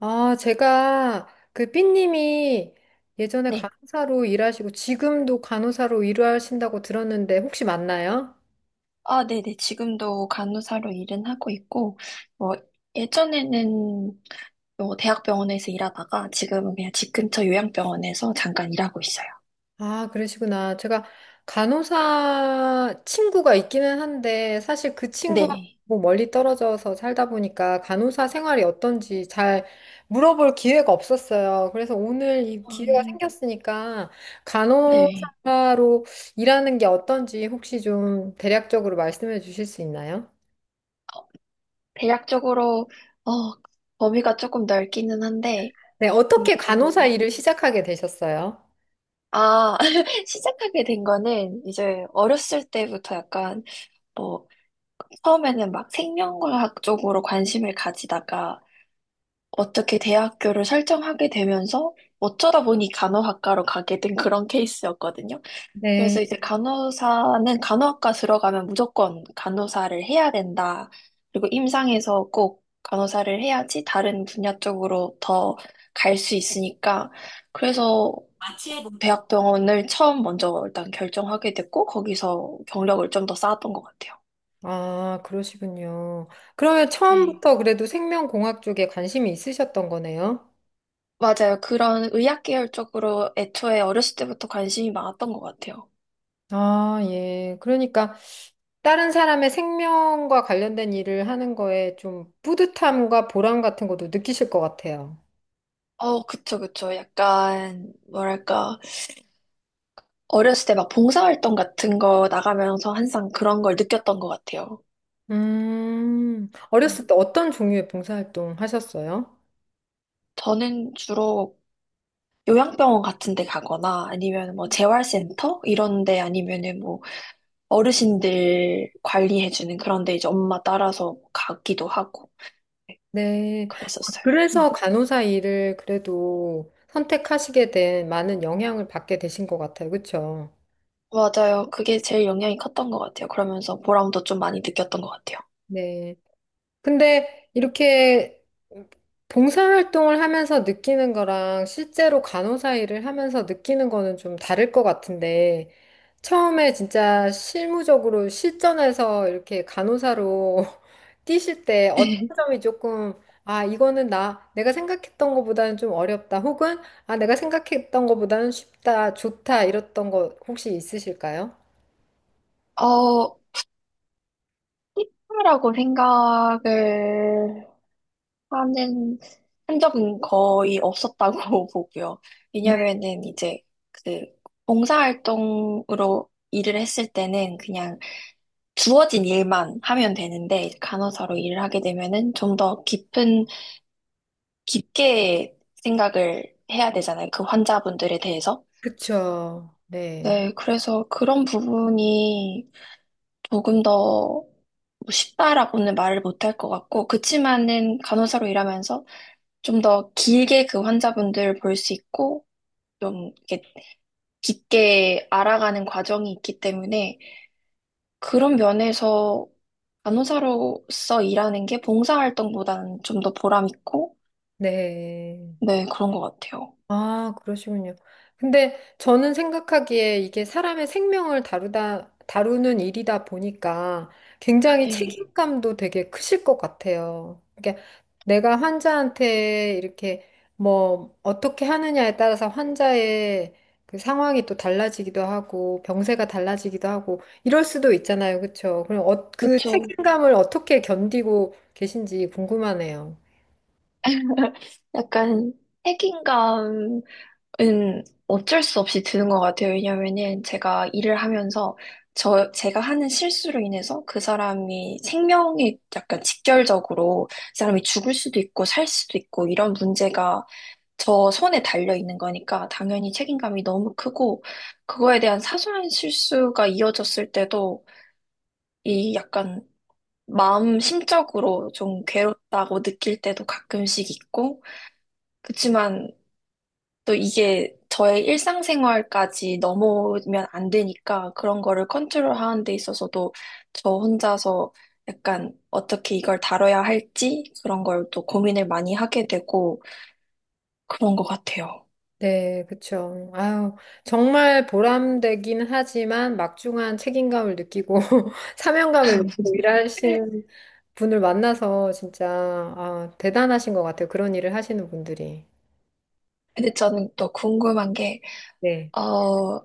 아, 제가 그 삐님이 예전에 네. 간호사로 일하시고 지금도 간호사로 일하신다고 들었는데 혹시 맞나요? 아, 네네. 지금도 간호사로 일은 하고 있고, 뭐, 예전에는 뭐 대학병원에서 일하다가 지금은 그냥 집 근처 요양병원에서 잠깐 일하고 있어요. 아, 그러시구나. 제가 간호사 친구가 있기는 한데 사실 그 네. 친구하고 멀리 떨어져서 살다 보니까 간호사 생활이 어떤지 잘 물어볼 기회가 없었어요. 그래서 오늘 이 기회가 음, 생겼으니까 네. 간호사로 일하는 게 어떤지 혹시 좀 대략적으로 말씀해 주실 수 있나요? 대략적으로, 어, 범위가 조금 넓기는 한데, 네, 음, 어떻게 간호사 일을 시작하게 되셨어요? 아, 시작하게 된 거는 이제 어렸을 때부터 약간, 뭐, 처음에는 막 생명과학 쪽으로 관심을 가지다가, 어떻게 대학교를 설정하게 되면서 어쩌다 보니 간호학과로 가게 된 그런 케이스였거든요. 네. 그래서 이제 간호사는 간호학과 들어가면 무조건 간호사를 해야 된다. 그리고 임상에서 꼭 간호사를 해야지 다른 분야 쪽으로 더 갈 수 있으니까. 그래서 대학병원을 처음 먼저 일단 결정하게 됐고, 거기서 경력을 좀 더 쌓았던 것 같아요. 아, 그러시군요. 그러면 네. 처음부터 그래도 생명공학 쪽에 관심이 있으셨던 거네요? 맞아요. 그런 의학 계열 쪽으로 애초에 어렸을 때부터 관심이 많았던 것 같아요. 아, 예. 그러니까 다른 사람의 생명과 관련된 일을 하는 거에 좀 뿌듯함과 보람 같은 것도 느끼실 것 같아요. 어, 그쵸, 그쵸. 약간, 뭐랄까, 어렸을 때 막 봉사활동 같은 거 나가면서 항상 그런 걸 느꼈던 것 같아요. 음. 어렸을 때 어떤 종류의 봉사활동 하셨어요? 저는 주로 요양병원 같은 데 가거나 아니면 뭐 재활센터? 이런 데 아니면은 뭐 어르신들 관리해주는 그런 데 이제 엄마 따라서 가기도 하고 네, 네. 아, 그랬었어요. 그래서 간호사 일을 그래도 선택하시게 된 많은 영향을 받게 되신 것 같아요. 그렇죠? 맞아요. 그게 제일 영향이 컸던 것 같아요. 그러면서 보람도 좀 많이 느꼈던 것 같아요. 네. 근데 이렇게 봉사활동을 하면서 느끼는 거랑 실제로 간호사 일을 하면서 느끼는 거는 좀 다를 것 같은데, 처음에 진짜 실무적으로 실전에서 이렇게 간호사로 뛰실 때 어떤 점이 조금, 아, 이거는 내가 생각했던 것보다는 좀 어렵다, 혹은, 아, 내가 생각했던 것보다는 쉽다, 좋다, 이랬던 거 혹시 있으실까요? 어, 희귀라고 생각을 하는 한 적은 거의 없었다고 보고요. 네, 왜냐면은 이제 그 봉사활동으로 일을 했을 때는 그냥 주어진 일만 하면 되는데 이제 간호사로 일을 하게 되면은 좀 더 깊은 깊게 생각을 해야 되잖아요. 그 환자분들에 대해서. 그쵸. 네, 네, 그래서 그런 부분이 조금 더 뭐 쉽다라고는 말을 못할 것 같고 그치만은 간호사로 일하면서 좀 더 길게 그 환자분들을 볼 수 있고, 좀 이렇게 깊게 알아가는 과정이 있기 때문에 그런 면에서 간호사로서 일하는 게 봉사활동보다는 좀 더 보람 있고, 네. 네, 그런 것 같아요. 아, 그러시군요. 근데 저는 생각하기에 이게 사람의 생명을 다루는 일이다 보니까 굉장히 네. 책임감도 되게 크실 것 같아요. 그러니까 내가 환자한테 이렇게 뭐 어떻게 하느냐에 따라서 환자의 그 상황이 또 달라지기도 하고 병세가 달라지기도 하고 이럴 수도 있잖아요. 그렇죠? 그럼 그 그렇죠. 책임감을 어떻게 견디고 계신지 궁금하네요. 약간 책임감 은 어쩔 수 없이 드는 것 같아요. 왜냐면은 제가 일을 하면서 제가 하는 실수로 인해서 그 사람이 생명에 약간 직결적으로 그 사람이 죽을 수도 있고 살 수도 있고 이런 문제가 저 손에 달려 있는 거니까 당연히 책임감이 너무 크고 그거에 대한 사소한 실수가 이어졌을 때도 이 약간 마음 심적으로 좀 괴롭다고 느낄 때도 가끔씩 있고 그치만 또 이게 저의 일상생활까지 넘어오면 안 되니까 그런 거를 컨트롤하는 데 있어서도 저 혼자서 약간 어떻게 이걸 다뤄야 할지 그런 걸 또 고민을 많이 하게 되고 그런 것 같아요. 네, 그쵸. 아유, 정말 보람되긴 하지만 막중한 책임감을 느끼고 사명감을 느끼고 일하시는 분을 만나서 진짜 아, 대단하신 것 같아요. 그런 일을 하시는 분들이. 근데 저는 또 궁금한 게, 네. 어,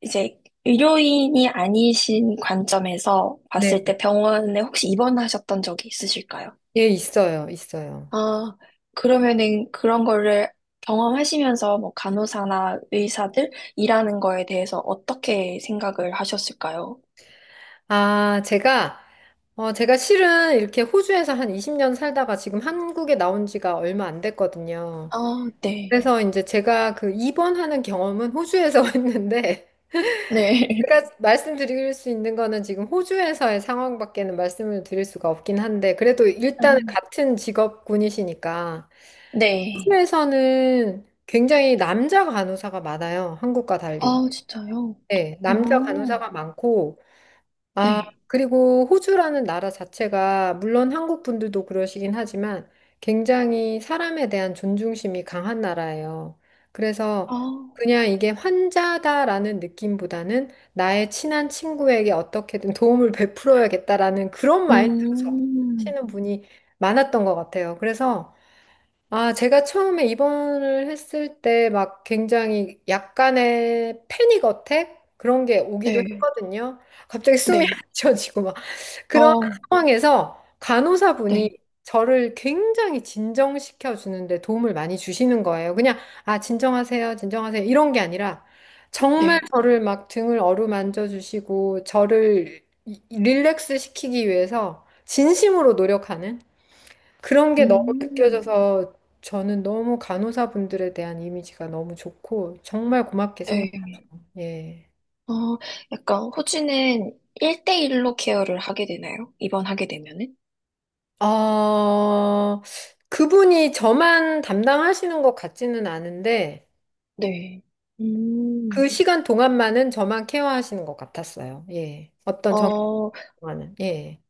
이제 의료인이 아니신 관점에서 네. 봤을 때 병원에 혹시 입원하셨던 적이 있으실까요? 예, 있어요. 있어요. 아, 그러면은 그런 거를 경험하시면서 뭐 간호사나 의사들 일하는 거에 대해서 어떻게 생각을 하셨을까요? 아, 제가 실은 이렇게 호주에서 한 20년 살다가 지금 한국에 나온 지가 얼마 안 됐거든요. 아, 네. 그래서 이제 제가 그 입원하는 경험은 호주에서 했는데 네. 그러니까 말씀드릴 수 있는 거는 지금 호주에서의 상황밖에는 말씀을 드릴 수가 없긴 한데, 그래도 아, 일단은 같은 직업군이시니까. 네. 호주에서는 굉장히 남자 간호사가 많아요. 한국과 달리. 아, 진짜요? 네, 남자 어, 간호사가 많고, 아, 네. 그리고 호주라는 나라 자체가 물론 한국 분들도 그러시긴 하지만 굉장히 사람에 대한 존중심이 강한 나라예요. 아, 그래서 그냥 이게 환자다라는 느낌보다는 나의 친한 친구에게 어떻게든 도움을 베풀어야겠다라는 그런 마인드로 음, 접하시는 분이 많았던 것 같아요. 그래서 아, 제가 처음에 입원을 했을 때 막 굉장히 약간의 패닉 어택? 그런 게 오기도 네. 했거든요. 갑자기 숨이 안 네. 쉬어지고 막. 그런 어, 상황에서 네. 간호사분이 저를 굉장히 진정시켜 주는데 도움을 많이 주시는 거예요. 그냥, 아, 진정하세요, 진정하세요. 이런 게 아니라 정말 네. 저를 막 등을 어루만져 주시고 저를 릴렉스 시키기 위해서 진심으로 노력하는 그런 게 너무 음, 느껴져서 저는 너무 간호사분들에 대한 이미지가 너무 좋고 정말 고맙게 생각. 네. 예. 어, 약간 호주는 일대일로 케어를 하게 되나요? 입원하게 되면은? 어, 그분이 저만 담당하시는 것 같지는 않은데 네. 음. 그 시간 동안만은 저만 케어하시는 것 같았어요. 예. 어떤 어, 정기만은. 예.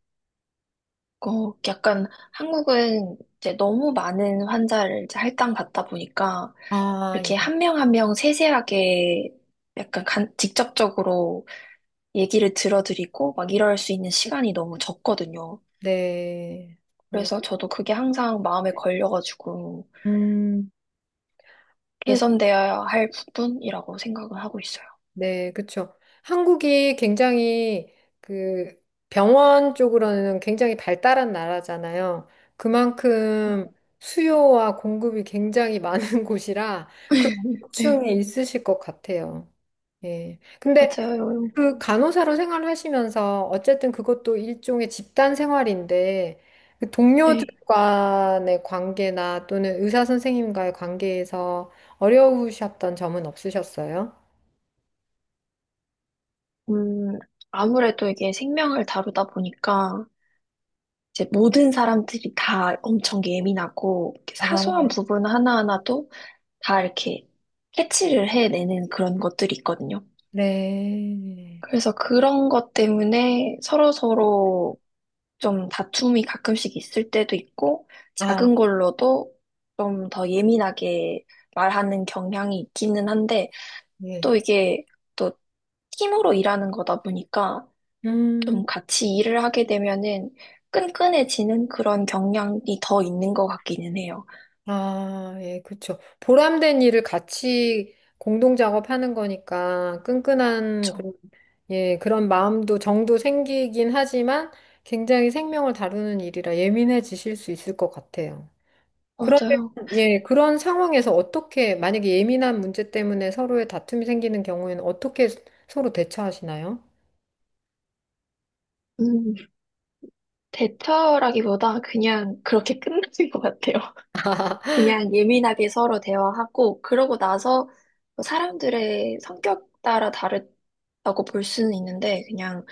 어, 약간 한국은 이제 너무 많은 환자를 이제 할당 받다 보니까 아, 예. 이렇게 한 명 한 명 세세하게 약간 간- 직접적으로 얘기를 들어드리고 막 이럴 수 있는 시간이 너무 적거든요. 네. 그러- 그래서 저도 그게 항상 마음에 걸려가지고 음. 그 개선되어야 할 부분이라고 생각을 하고 있어요. 네, 그렇죠. 한국이 굉장히 그 병원 쪽으로는 굉장히 발달한 나라잖아요. 그만큼 수요와 공급이 굉장히 많은 곳이라 그런 네, 고충이 있으실 것 같아요. 예. 근데 맞아요. 그 간호사로 생활하시면서 어쨌든 그것도 일종의 집단 생활인데 그 동료들 네. 간의 관계나 또는 의사 선생님과의 관계에서 어려우셨던 점은 없으셨어요? 음, 아무래도 이게 생명을 다루다 보니까 이제 모든 사람들이 다 엄청 예민하고 이렇게 사소한 아. 부분 하나하나도 다 이렇게 캐치를 해내는 그런 것들이 있거든요. 네. 그래서 그런 것 때문에 서로서로 좀 다툼이 가끔씩 있을 때도 있고, 아, 작은 걸로도 좀 더 예민하게 말하는 경향이 있기는 한데, 예. 또 이게 또 팀으로 일하는 거다 보니까 좀 음, 같이 일을 하게 되면은 끈끈해지는 그런 경향이 더 있는 것 같기는 해요. 아, 예, 그쵸. 보람된 일을 같이 공동 작업하는 거니까 끈끈한 그쵸? 그런, 예, 그런 마음도 정도 생기긴 하지만 굉장히 생명을 다루는 일이라 예민해지실 수 있을 것 같아요. 그러면, 맞아요. 예, 그런 상황에서 어떻게, 만약에 예민한 문제 때문에 서로의 다툼이 생기는 경우에는 어떻게 서로 대처하시나요? 음, 대처라기보다 그냥 그렇게 끝나는 것 같아요. 그냥 예민하게 서로 대화하고, 그러고 나서 뭐 사람들의 성격 따라 다르다고 볼 수는 있는데, 그냥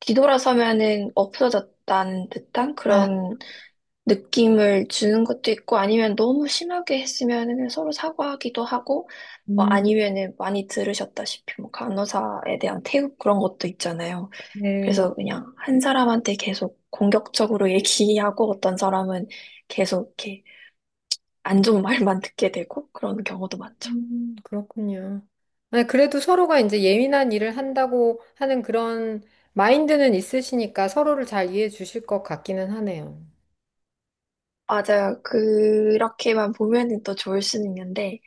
뒤돌아서면은 없어졌다는 듯한 아, 그런 느낌을 주는 것도 있고 아니면 너무 심하게 했으면은 서로 사과하기도 하고 뭐 음, 아니면은 많이 들으셨다시피 뭐 간호사에 대한 태움 그런 것도 있잖아요. 네. 그래서 그냥 한 사람한테 계속 공격적으로 얘기하고 어떤 사람은 계속 이렇게 안 좋은 말만 듣게 되고 그런 경우도 많죠. 그렇군요. 아니, 그래도 서로가 이제 예민한 일을 한다고 하는 그런 마인드는 있으시니까 서로를 잘 이해해 주실 것 같기는 하네요. 맞아요. 그렇게만 보면은 또 좋을 수는 있는데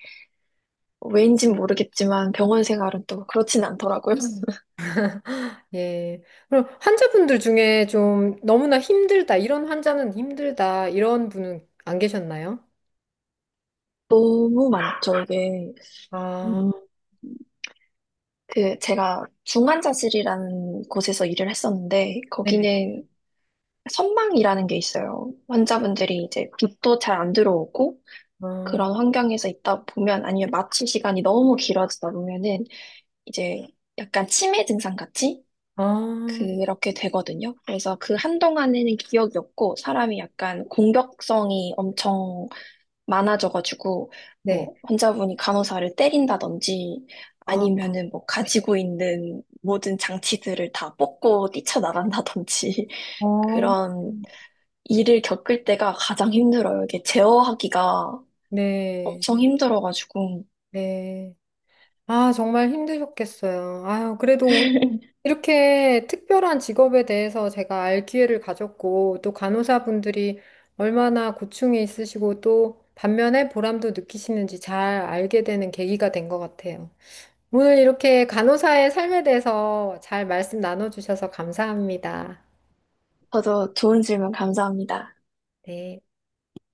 왜인진 모르겠지만 병원 생활은 또 그렇진 않더라고요. 예. 그럼 환자분들 중에 좀 너무나 힘들다, 이런 환자는 힘들다, 이런 분은 안 계셨나요? 너무 많죠, 이게. 아, 음, 그 제가 중환자실이라는 곳에서 일을 했었는데 네. 거기는 선망이라는 게 있어요. 환자분들이 이제 빛도 잘 안 들어오고 아, 그런 환경에서 있다 보면 아니면 마취 시간이 너무 길어지다 보면은 이제 약간 치매 증상 같이 아, 그렇게 되거든요. 그래서 그 한동안에는 기억이 없고 사람이 약간 공격성이 엄청 많아져가지고 네. 뭐 환자분이 간호사를 때린다든지 아, 아니면은 뭐 가지고 있는 모든 장치들을 다 뽑고 뛰쳐나간다든지 어. 그런 일을 겪을 때가 가장 힘들어요. 이게 제어하기가 네. 엄청 힘들어가지고 네. 아, 정말 힘드셨겠어요. 아유, 그래도 이렇게 특별한 직업에 대해서 제가 알 기회를 가졌고, 또 간호사분들이 얼마나 고충이 있으시고, 또 반면에 보람도 느끼시는지 잘 알게 되는 계기가 된 것 같아요. 오늘 이렇게 간호사의 삶에 대해서 잘 말씀 나눠주셔서 감사합니다. 저도 좋은 질문 감사합니다. 네.